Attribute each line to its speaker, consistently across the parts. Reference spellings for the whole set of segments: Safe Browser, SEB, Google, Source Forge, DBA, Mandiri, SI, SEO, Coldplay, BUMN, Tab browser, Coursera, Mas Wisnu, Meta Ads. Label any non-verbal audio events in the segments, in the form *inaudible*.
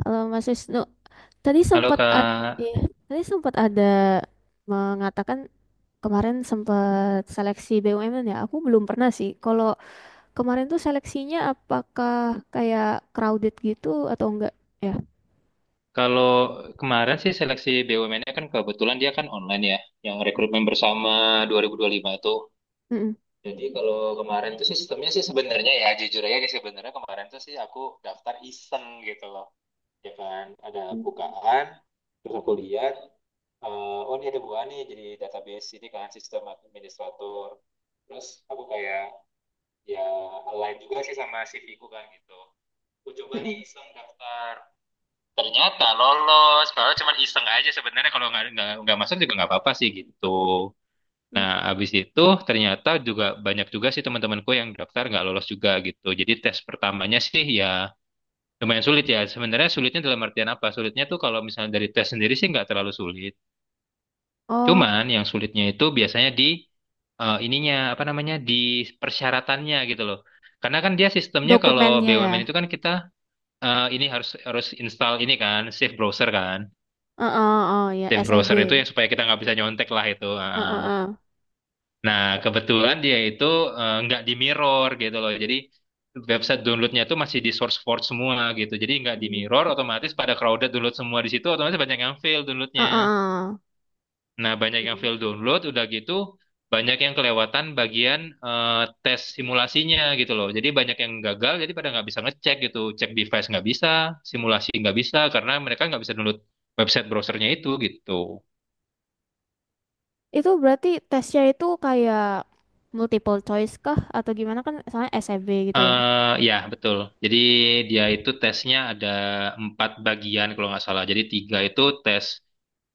Speaker 1: Kalau Mas Wisnu, tadi
Speaker 2: Halo
Speaker 1: sempat ada,
Speaker 2: Kak,
Speaker 1: tadi sempat ada mengatakan kemarin sempat seleksi BUMN ya. Aku belum pernah sih. Kalau kemarin tuh seleksinya apakah kayak crowded gitu atau enggak ya?
Speaker 2: kalau kemarin sih seleksi BUMN-nya kan kebetulan dia kan online ya, yang rekrutmen bersama 2025 tuh.
Speaker 1: Mm-mm.
Speaker 2: Jadi kalau kemarin tuh sih sistemnya sih sebenarnya ya jujur aja sih sebenarnya kemarin tuh sih aku daftar iseng gitu loh. Ya kan ada
Speaker 1: Mm.
Speaker 2: bukaan, terus aku lihat, oh ini ada bukaan nih jadi database ini kan sistem administrator. Terus aku kayak ya align juga sih sama CV ku kan gitu. Aku coba nih
Speaker 1: Mm-mm.
Speaker 2: iseng daftar. Ternyata lolos padahal cuma iseng aja sebenarnya kalau nggak masuk juga nggak apa-apa sih gitu.
Speaker 1: Mm.
Speaker 2: Nah abis itu ternyata juga banyak juga sih teman-temanku yang daftar nggak lolos juga gitu. Jadi tes pertamanya sih ya lumayan sulit ya sebenarnya. Sulitnya dalam artian apa? Sulitnya tuh kalau misalnya dari tes sendiri sih nggak terlalu sulit,
Speaker 1: Oh,
Speaker 2: cuman yang sulitnya itu biasanya di ininya apa namanya di persyaratannya gitu loh. Karena kan dia sistemnya kalau
Speaker 1: dokumennya ya.
Speaker 2: BUMN itu kan kita ini harus harus install ini kan Safe Browser kan.
Speaker 1: Oh, ya
Speaker 2: Tab browser itu
Speaker 1: SEB.
Speaker 2: yang supaya kita nggak bisa nyontek lah itu.
Speaker 1: Uh,
Speaker 2: Ah.
Speaker 1: uh, uh.
Speaker 2: Nah, kebetulan dia itu nggak di mirror gitu loh. Jadi website downloadnya itu masih di source forge semua gitu. Jadi nggak di
Speaker 1: Mm.
Speaker 2: mirror, otomatis pada crowded download semua di situ, otomatis banyak yang fail
Speaker 1: Uh,
Speaker 2: downloadnya.
Speaker 1: uh, uh.
Speaker 2: Nah, banyak yang fail
Speaker 1: Mm.
Speaker 2: download, udah gitu banyak yang kelewatan bagian eh, tes simulasinya gitu loh. Jadi banyak yang gagal, jadi pada nggak bisa ngecek gitu. Cek device nggak bisa, simulasi nggak bisa, karena mereka nggak bisa download website browsernya itu gitu.
Speaker 1: Itu berarti tesnya itu kayak multiple choice kah atau gimana kan? Soalnya SEB gitu ya.
Speaker 2: Ya, betul. Jadi dia itu tesnya ada empat bagian kalau nggak salah. Jadi tiga itu tes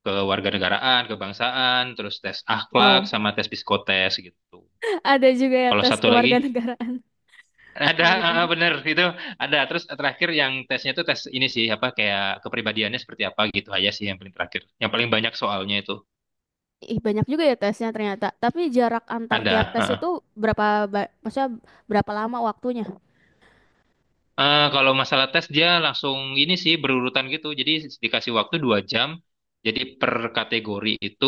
Speaker 2: kewarganegaraan, kebangsaan, terus tes akhlak,
Speaker 1: Wow.
Speaker 2: sama tes psikotes gitu.
Speaker 1: Ada juga ya
Speaker 2: Kalau
Speaker 1: tes
Speaker 2: satu lagi,
Speaker 1: kewarganegaraan.
Speaker 2: *laughs* ada,
Speaker 1: Baru tahu.
Speaker 2: bener itu ada. Terus terakhir yang tesnya itu tes ini sih, apa kayak kepribadiannya seperti apa gitu aja sih yang paling terakhir. Yang paling banyak soalnya itu
Speaker 1: Ih, banyak juga ya tesnya ternyata. Tapi jarak antar tiap tes itu
Speaker 2: ada.
Speaker 1: berapa, maksudnya berapa lama waktunya?
Speaker 2: Kalau masalah tes dia langsung ini sih berurutan gitu. Jadi dikasih waktu 2 jam. Jadi per kategori itu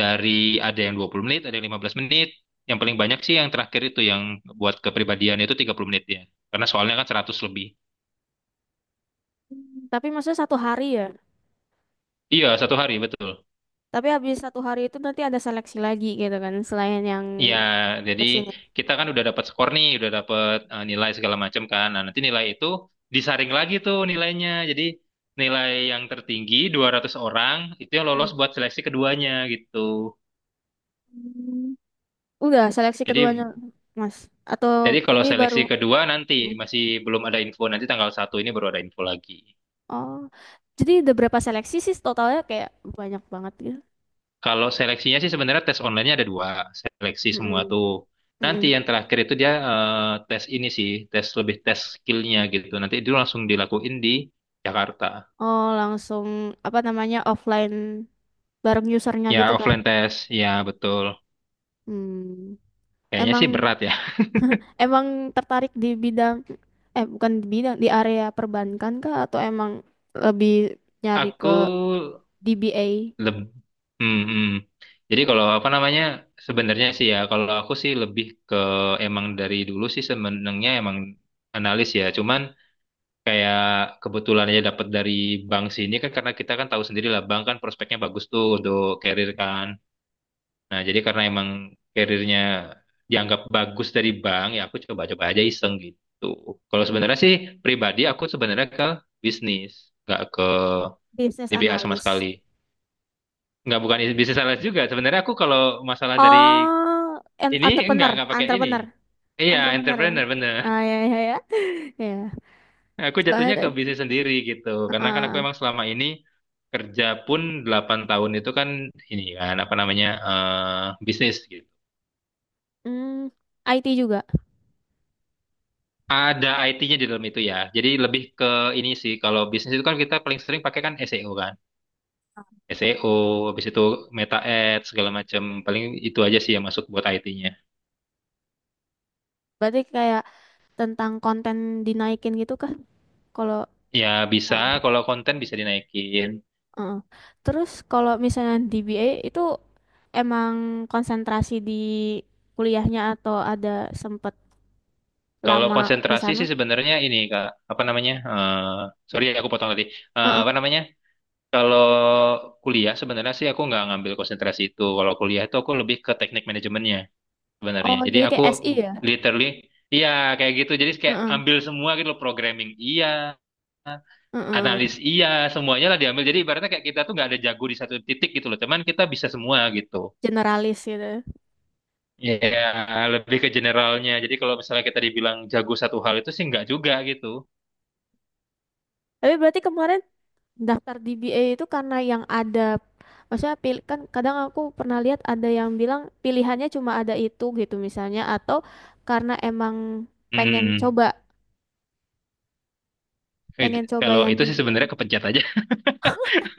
Speaker 2: dari ada yang 20 menit, ada yang 15 menit. Yang paling banyak sih yang terakhir itu yang buat kepribadian itu 30 menit ya. Karena soalnya kan 100 lebih.
Speaker 1: Tapi maksudnya satu hari ya.
Speaker 2: Iya, satu hari betul.
Speaker 1: Tapi habis satu hari itu nanti ada seleksi lagi gitu kan, selain yang
Speaker 2: Iya, jadi
Speaker 1: tes ini.
Speaker 2: kita kan udah dapat skor nih, udah dapat nilai segala macam kan. Nah, nanti nilai itu disaring lagi tuh nilainya. Jadi nilai yang tertinggi 200 orang itu yang lolos buat seleksi keduanya gitu.
Speaker 1: Hmm. Udah seleksi keduanya,
Speaker 2: Jadi
Speaker 1: Mas. Atau
Speaker 2: jadi kalau
Speaker 1: ini baru?
Speaker 2: seleksi kedua nanti
Speaker 1: Hmm.
Speaker 2: masih belum ada info, nanti tanggal 1 ini baru ada info lagi.
Speaker 1: Oh, jadi udah berapa seleksi sih totalnya, kayak banyak banget gitu.
Speaker 2: Kalau seleksinya sih sebenarnya tes online-nya ada dua, seleksi semua
Speaker 1: Mm-mm.
Speaker 2: tuh. Nanti
Speaker 1: Mm-mm.
Speaker 2: yang terakhir itu dia tes ini sih, tes lebih tes skillnya gitu. Nanti itu langsung dilakuin di Jakarta.
Speaker 1: Oh, langsung apa namanya offline bareng usernya
Speaker 2: Ya
Speaker 1: gitu kah?
Speaker 2: offline tes, ya betul.
Speaker 1: Hmm.
Speaker 2: Kayaknya sih
Speaker 1: Emang
Speaker 2: berat ya.
Speaker 1: emang tertarik di bidang, eh bukan di bidang, di area perbankan kah, atau emang lebih nyari
Speaker 2: Aku
Speaker 1: ke DBA,
Speaker 2: Leb hmm, hmm. Jadi kalau apa namanya sebenarnya sih ya kalau aku sih lebih ke emang dari dulu sih sebenarnya emang analis ya. Cuman kayak kebetulan aja dapat dari bank sini kan karena kita kan tahu sendiri lah bank kan prospeknya bagus tuh untuk karir kan. Nah jadi karena emang karirnya dianggap bagus dari bank ya aku coba-coba aja iseng gitu. Kalau sebenarnya sih pribadi aku sebenarnya ke bisnis nggak ke
Speaker 1: business
Speaker 2: DBA sama sekali.
Speaker 1: analyst?
Speaker 2: Nggak bukan bisnis sales juga. Sebenarnya aku kalau masalah dari
Speaker 1: Oh,
Speaker 2: ini nggak
Speaker 1: entrepreneur,
Speaker 2: nggak pakai ini.
Speaker 1: entrepreneur,
Speaker 2: Iya,
Speaker 1: entrepreneur. Ya?
Speaker 2: entrepreneur bener.
Speaker 1: Ah, ya, ya, ya. *laughs* Ya.
Speaker 2: *laughs* Aku
Speaker 1: Soalnya
Speaker 2: jatuhnya ke bisnis sendiri gitu. Karena kan aku
Speaker 1: ah,
Speaker 2: emang selama ini kerja pun 8 tahun itu kan ini kan apa namanya bisnis gitu.
Speaker 1: hmm, IT juga.
Speaker 2: Ada IT-nya di dalam itu ya. Jadi lebih ke ini sih kalau bisnis itu kan kita paling sering pakai kan SEO kan. SEO, habis itu Meta Ads segala macam. Paling itu aja sih yang masuk buat IT-nya.
Speaker 1: Berarti kayak tentang konten dinaikin gitu kah? Kalau.
Speaker 2: Ya bisa kalau konten bisa dinaikin.
Speaker 1: Heeh. Terus kalau misalnya DBA itu, emang konsentrasi di kuliahnya atau ada sempet
Speaker 2: Kalau
Speaker 1: lama di
Speaker 2: konsentrasi
Speaker 1: sana?
Speaker 2: sih sebenarnya ini Kak, apa namanya? Sorry aku potong tadi.
Speaker 1: Heeh.
Speaker 2: Apa namanya? Kalau kuliah sebenarnya sih aku nggak ngambil konsentrasi itu. Kalau kuliah itu aku lebih ke teknik manajemennya sebenarnya.
Speaker 1: Oh,
Speaker 2: Jadi
Speaker 1: jadi
Speaker 2: aku
Speaker 1: kayak SI ya?
Speaker 2: literally iya kayak gitu. Jadi kayak
Speaker 1: Heeh.
Speaker 2: ambil semua gitu loh, programming iya,
Speaker 1: Heeh.
Speaker 2: analis iya, semuanya lah diambil. Jadi ibaratnya kayak kita tuh nggak ada jago di satu titik gitu loh. Cuman kita bisa semua gitu.
Speaker 1: Generalis gitu.
Speaker 2: Iya, lebih ke generalnya. Jadi kalau misalnya kita dibilang jago satu hal itu sih nggak juga gitu.
Speaker 1: Tapi berarti kemarin daftar DBA itu karena yang ada. Maksudnya pilih kan, kadang aku pernah lihat ada yang bilang pilihannya cuma ada itu gitu misalnya, atau karena emang pengen
Speaker 2: Hmm.
Speaker 1: coba, pengen coba
Speaker 2: Kalau
Speaker 1: yang
Speaker 2: itu sih
Speaker 1: DBA.
Speaker 2: sebenarnya kepencet aja.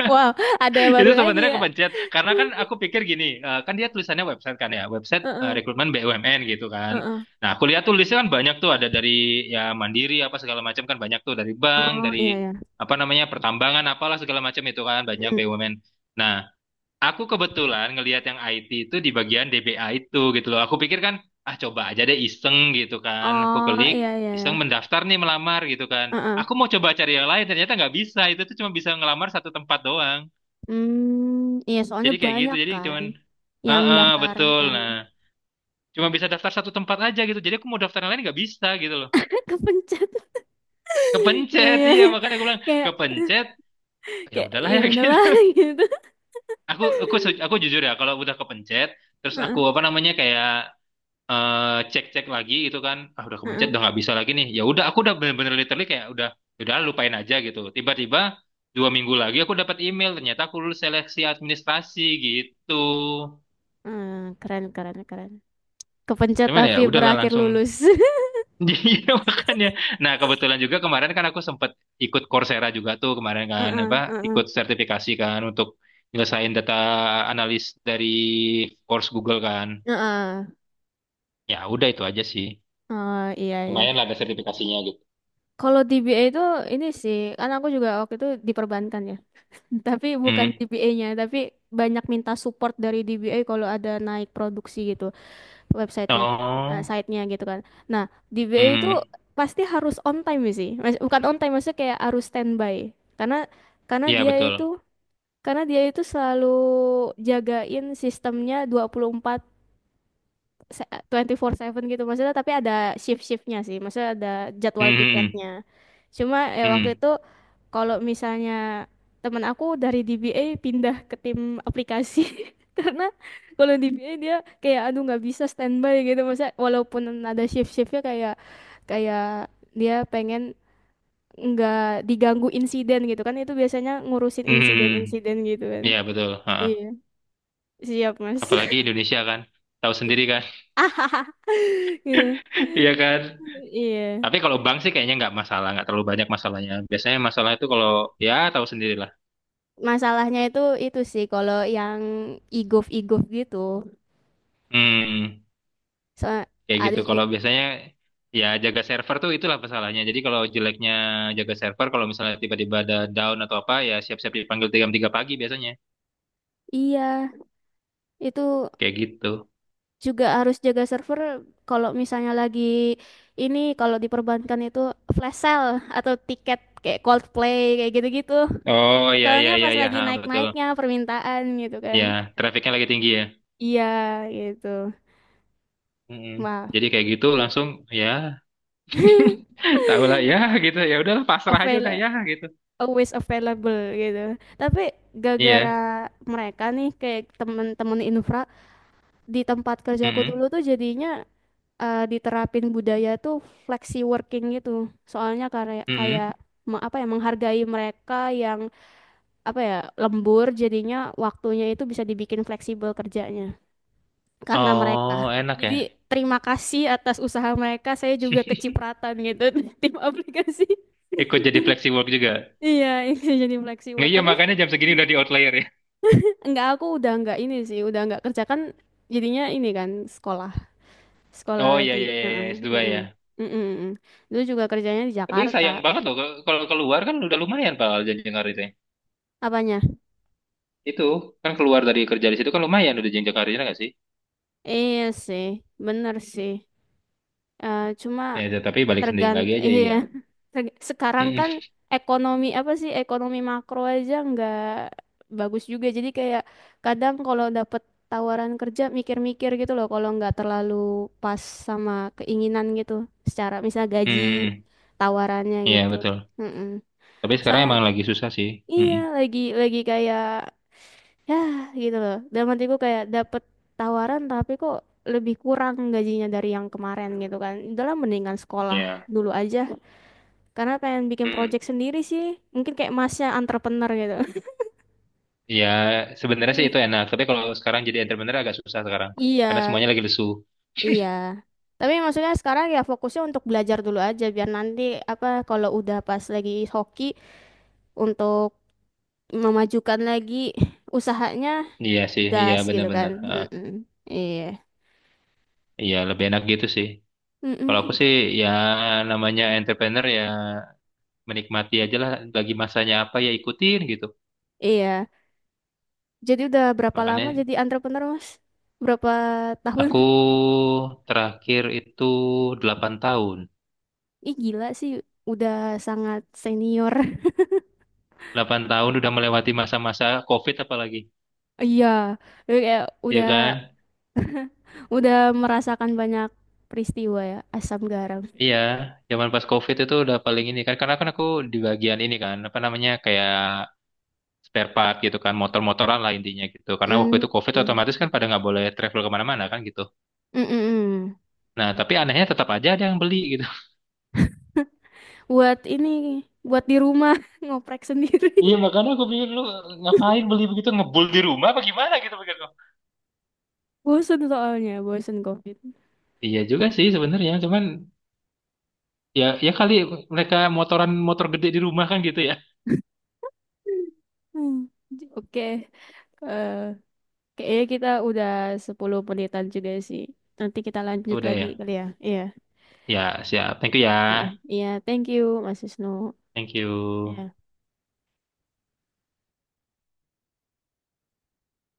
Speaker 1: Wow, *laughs* ada yang
Speaker 2: *laughs*
Speaker 1: baru
Speaker 2: Itu
Speaker 1: lagi
Speaker 2: sebenarnya
Speaker 1: ya.
Speaker 2: kepencet. Karena kan aku pikir gini, kan dia tulisannya website kan ya, website
Speaker 1: Heeh.
Speaker 2: rekrutmen BUMN gitu kan.
Speaker 1: Heeh.
Speaker 2: Nah, aku lihat tulisnya kan banyak tuh ada dari ya Mandiri apa segala macam kan banyak tuh dari bank,
Speaker 1: Oh
Speaker 2: dari
Speaker 1: iya ya.
Speaker 2: apa namanya pertambangan apalah segala macam itu kan banyak
Speaker 1: Mm.
Speaker 2: BUMN. Nah, aku kebetulan ngelihat yang IT itu di bagian DBA itu gitu loh. Aku pikir kan, ah coba aja deh iseng gitu kan. Aku
Speaker 1: Oh iya
Speaker 2: klik,
Speaker 1: iya ya.
Speaker 2: iseng mendaftar nih melamar gitu kan.
Speaker 1: Heeh.
Speaker 2: Aku mau coba cari yang lain, ternyata nggak bisa. Itu tuh cuma bisa ngelamar satu tempat doang.
Speaker 1: Hmm, iya soalnya
Speaker 2: Jadi kayak gitu,
Speaker 1: banyak
Speaker 2: jadi
Speaker 1: kan
Speaker 2: cuman,
Speaker 1: yang
Speaker 2: heeh
Speaker 1: daftar.
Speaker 2: betul.
Speaker 1: Heeh.
Speaker 2: Nah, cuma bisa daftar satu tempat aja gitu. Jadi aku mau daftar yang lain nggak bisa gitu loh.
Speaker 1: *laughs* Kepencet. *laughs* Iya,
Speaker 2: Kepencet,
Speaker 1: iya,
Speaker 2: iya
Speaker 1: iya.
Speaker 2: makanya aku bilang
Speaker 1: Kayak
Speaker 2: kepencet. Ya
Speaker 1: kayak
Speaker 2: udahlah
Speaker 1: ya
Speaker 2: ya *laughs*
Speaker 1: udahlah
Speaker 2: gitu.
Speaker 1: *laughs* gitu.
Speaker 2: Aku jujur ya, kalau udah kepencet, terus aku
Speaker 1: Heeh.
Speaker 2: apa namanya kayak cek-cek lagi itu kan ah udah kemencet
Speaker 1: Heeh.
Speaker 2: udah nggak bisa lagi nih ya udah aku udah bener-bener literally kayak udah ya udah lupain aja gitu tiba-tiba 2 minggu lagi aku dapat email ternyata aku lulus seleksi administrasi gitu.
Speaker 1: Heeh. Keren, keren, keren. Kepencet
Speaker 2: Cuman ya
Speaker 1: tapi
Speaker 2: udahlah
Speaker 1: berakhir
Speaker 2: langsung
Speaker 1: lulus.
Speaker 2: *laughs* jadi makanya nah kebetulan juga kemarin kan aku sempat ikut Coursera juga tuh kemarin
Speaker 1: *laughs*
Speaker 2: kan apa
Speaker 1: Heeh.
Speaker 2: ikut sertifikasi kan untuk nyelesain data analis dari course Google kan
Speaker 1: Heeh.
Speaker 2: ya udah itu aja sih
Speaker 1: Oh iya iya.
Speaker 2: lumayan lah ada sertifikasinya gitu.
Speaker 1: Kalau DBA itu ini sih, kan aku juga waktu itu diperbankan ya. Tapi bukan
Speaker 2: Hmm.
Speaker 1: DBA-nya, tapi banyak minta support dari DBA kalau ada naik produksi gitu websitenya, eh,
Speaker 2: Oh.
Speaker 1: site-nya gitu kan. Nah, DBA itu
Speaker 2: Mhm.
Speaker 1: pasti harus on time sih, bukan on time maksudnya kayak harus standby, karena
Speaker 2: Iya
Speaker 1: dia
Speaker 2: betul.
Speaker 1: itu karena dia itu selalu jagain sistemnya 24 24/7 gitu maksudnya, tapi ada shift-shiftnya sih, maksudnya ada jadwal
Speaker 2: Mhm.
Speaker 1: piketnya, cuma ya waktu
Speaker 2: Mhm.
Speaker 1: itu kalau misalnya teman aku dari DBA pindah ke tim aplikasi *laughs* karena kalau DBA dia kayak, aduh nggak bisa standby gitu maksudnya, walaupun ada shift-shiftnya, kayak kayak dia pengen nggak diganggu insiden gitu kan, itu biasanya ngurusin
Speaker 2: Mhm.
Speaker 1: insiden-insiden gitu kan.
Speaker 2: Iya betul.
Speaker 1: Iya,
Speaker 2: Ha-ha.
Speaker 1: siap, Mas.
Speaker 2: Apalagi Indonesia kan, tahu sendiri kan.
Speaker 1: *laughs* Gitu,
Speaker 2: *laughs* Iya kan.
Speaker 1: iya.
Speaker 2: Tapi kalau bank sih kayaknya nggak masalah, nggak terlalu banyak masalahnya. Biasanya masalah itu kalau ya tahu sendirilah.
Speaker 1: Masalahnya itu sih kalau yang e-gov-e-gov gitu.
Speaker 2: Hmm,
Speaker 1: So,
Speaker 2: kayak
Speaker 1: ada
Speaker 2: gitu.
Speaker 1: ju-
Speaker 2: Kalau biasanya ya jaga server tuh itulah masalahnya. Jadi kalau jeleknya jaga server, kalau misalnya tiba-tiba ada down atau apa, ya siap-siap dipanggil jam 3 pagi biasanya.
Speaker 1: iya, itu
Speaker 2: Kayak gitu.
Speaker 1: juga harus jaga server kalau misalnya lagi ini, kalau diperbankan itu flash sale atau tiket kayak Coldplay kayak gitu-gitu.
Speaker 2: Oh ya
Speaker 1: Soalnya
Speaker 2: ya ya
Speaker 1: pas
Speaker 2: ya
Speaker 1: lagi
Speaker 2: Ha, betul.
Speaker 1: naik-naiknya permintaan gitu kan.
Speaker 2: Ya, trafiknya lagi tinggi ya.
Speaker 1: Iya, gitu.
Speaker 2: Mm-mm.
Speaker 1: Wah,
Speaker 2: Jadi kayak gitu langsung ya *laughs* tau lah ya *laughs* gitu ya udahlah pasrah aja
Speaker 1: avail
Speaker 2: udah ya gitu.
Speaker 1: always available gitu. Tapi gara-gara
Speaker 2: Iya.
Speaker 1: mereka nih kayak temen-temen infra di tempat kerjaku dulu
Speaker 2: Mm-mm.
Speaker 1: tuh, jadinya eh, diterapin budaya tuh flexi working gitu. Soalnya kayak kayak
Speaker 2: Mm-mm.
Speaker 1: apa ya, menghargai mereka yang apa ya, lembur, jadinya waktunya itu bisa dibikin fleksibel kerjanya karena
Speaker 2: Oh
Speaker 1: mereka.
Speaker 2: enak
Speaker 1: Jadi
Speaker 2: ya.
Speaker 1: terima kasih atas usaha mereka. Saya juga kecipratan gitu *laughs* tim aplikasi.
Speaker 2: Ikut jadi flexi work juga.
Speaker 1: Iya, ini jadi flexi
Speaker 2: Nggak
Speaker 1: work.
Speaker 2: iya
Speaker 1: Tapi
Speaker 2: makanya jam segini udah di outlier ya.
Speaker 1: enggak, aku udah enggak ini sih, udah enggak kerja kan, jadinya ini kan sekolah. Sekolah
Speaker 2: Oh iya
Speaker 1: lagi.
Speaker 2: iya iya
Speaker 1: Heeh,
Speaker 2: S2
Speaker 1: heeh,
Speaker 2: ya.
Speaker 1: heeh, heeh. Dulu juga kerjanya di
Speaker 2: Tapi
Speaker 1: Jakarta.
Speaker 2: sayang banget loh kalau keluar kan udah lumayan Pak jenjang karirnya.
Speaker 1: Apanya?
Speaker 2: Itu kan keluar dari kerja di situ kan lumayan udah jenjang karirnya nggak sih?
Speaker 1: Iya sih, bener sih. Eh cuma
Speaker 2: Nah, itu, tapi balik sendiri lagi aja
Speaker 1: iya.
Speaker 2: iya.
Speaker 1: Sekarang kan,
Speaker 2: Mm-mm.
Speaker 1: ekonomi apa sih? Ekonomi makro aja nggak bagus juga. Jadi kayak kadang kalau dapet tawaran kerja mikir-mikir gitu loh. Kalau nggak terlalu pas sama keinginan gitu. Secara misal gaji
Speaker 2: Mm-mm.
Speaker 1: tawarannya
Speaker 2: Iya
Speaker 1: gitu.
Speaker 2: betul.
Speaker 1: Heeh.
Speaker 2: Tapi sekarang
Speaker 1: Soalnya
Speaker 2: emang lagi susah sih.
Speaker 1: iya
Speaker 2: Mm-mm.
Speaker 1: lagi kayak ya gitu loh, dalam hatiku kayak dapet tawaran tapi kok lebih kurang gajinya dari yang kemarin gitu kan, udahlah mendingan sekolah
Speaker 2: Iya.
Speaker 1: dulu aja, karena pengen bikin
Speaker 2: Mm-mm.
Speaker 1: project sendiri sih, mungkin kayak masnya, entrepreneur gitu. *laughs*
Speaker 2: Iya, sebenarnya sih
Speaker 1: Hmm.
Speaker 2: itu enak. Tapi kalau sekarang jadi entrepreneur agak susah sekarang.
Speaker 1: Iya,
Speaker 2: Karena semuanya lagi lesu.
Speaker 1: iya. Tapi maksudnya sekarang ya fokusnya untuk belajar dulu aja, biar nanti apa kalau udah pas lagi hoki untuk memajukan lagi usahanya,
Speaker 2: Iya sih, iya
Speaker 1: gas gitu kan.
Speaker 2: benar-benar. Heeh.
Speaker 1: Mm-mm. Iya.
Speaker 2: Iya, lebih enak gitu sih. Kalau aku
Speaker 1: Mm-mm.
Speaker 2: sih ya namanya entrepreneur ya menikmati aja lah bagi masanya apa ya ikutin gitu.
Speaker 1: Iya. Jadi udah berapa lama
Speaker 2: Makanya
Speaker 1: jadi entrepreneur, Mas? Berapa tahun?
Speaker 2: aku terakhir itu 8 tahun.
Speaker 1: *laughs* Ih, gila sih, udah sangat senior. *laughs*
Speaker 2: 8 tahun udah melewati masa-masa COVID apalagi.
Speaker 1: Iya, jadi kayak
Speaker 2: Iya
Speaker 1: udah
Speaker 2: kan?
Speaker 1: udah merasakan banyak peristiwa ya, asam garam.
Speaker 2: Iya, zaman pas COVID itu udah paling ini kan karena kan aku di bagian ini kan apa namanya kayak spare part gitu kan motor-motoran lah intinya gitu karena waktu
Speaker 1: Mm,
Speaker 2: itu COVID
Speaker 1: mm,
Speaker 2: otomatis kan pada nggak boleh travel kemana-mana kan gitu.
Speaker 1: mm, mm, mm.
Speaker 2: Nah tapi anehnya tetap aja ada yang beli gitu *laughs*
Speaker 1: *laughs* Buat ini, buat di rumah *laughs* ngoprek sendiri.
Speaker 2: Iya makanya aku pikir lu ngapain beli begitu ngebul di rumah apa gimana gitu pikir gua.
Speaker 1: *laughs* Bosen soalnya, bosen COVID.
Speaker 2: Iya juga sih sebenarnya cuman ya ya kali mereka motoran motor gede di rumah kan gitu ya
Speaker 1: *laughs* Hmm, oke, eh, kayaknya kita udah 10 menitan juga sih. Nanti kita lanjut
Speaker 2: udah
Speaker 1: lagi
Speaker 2: ya
Speaker 1: kali ya. Iya.
Speaker 2: ya siap thank you
Speaker 1: Heeh.
Speaker 2: ya
Speaker 1: Iya, thank you Mas Wisnu.
Speaker 2: thank you.
Speaker 1: Ya.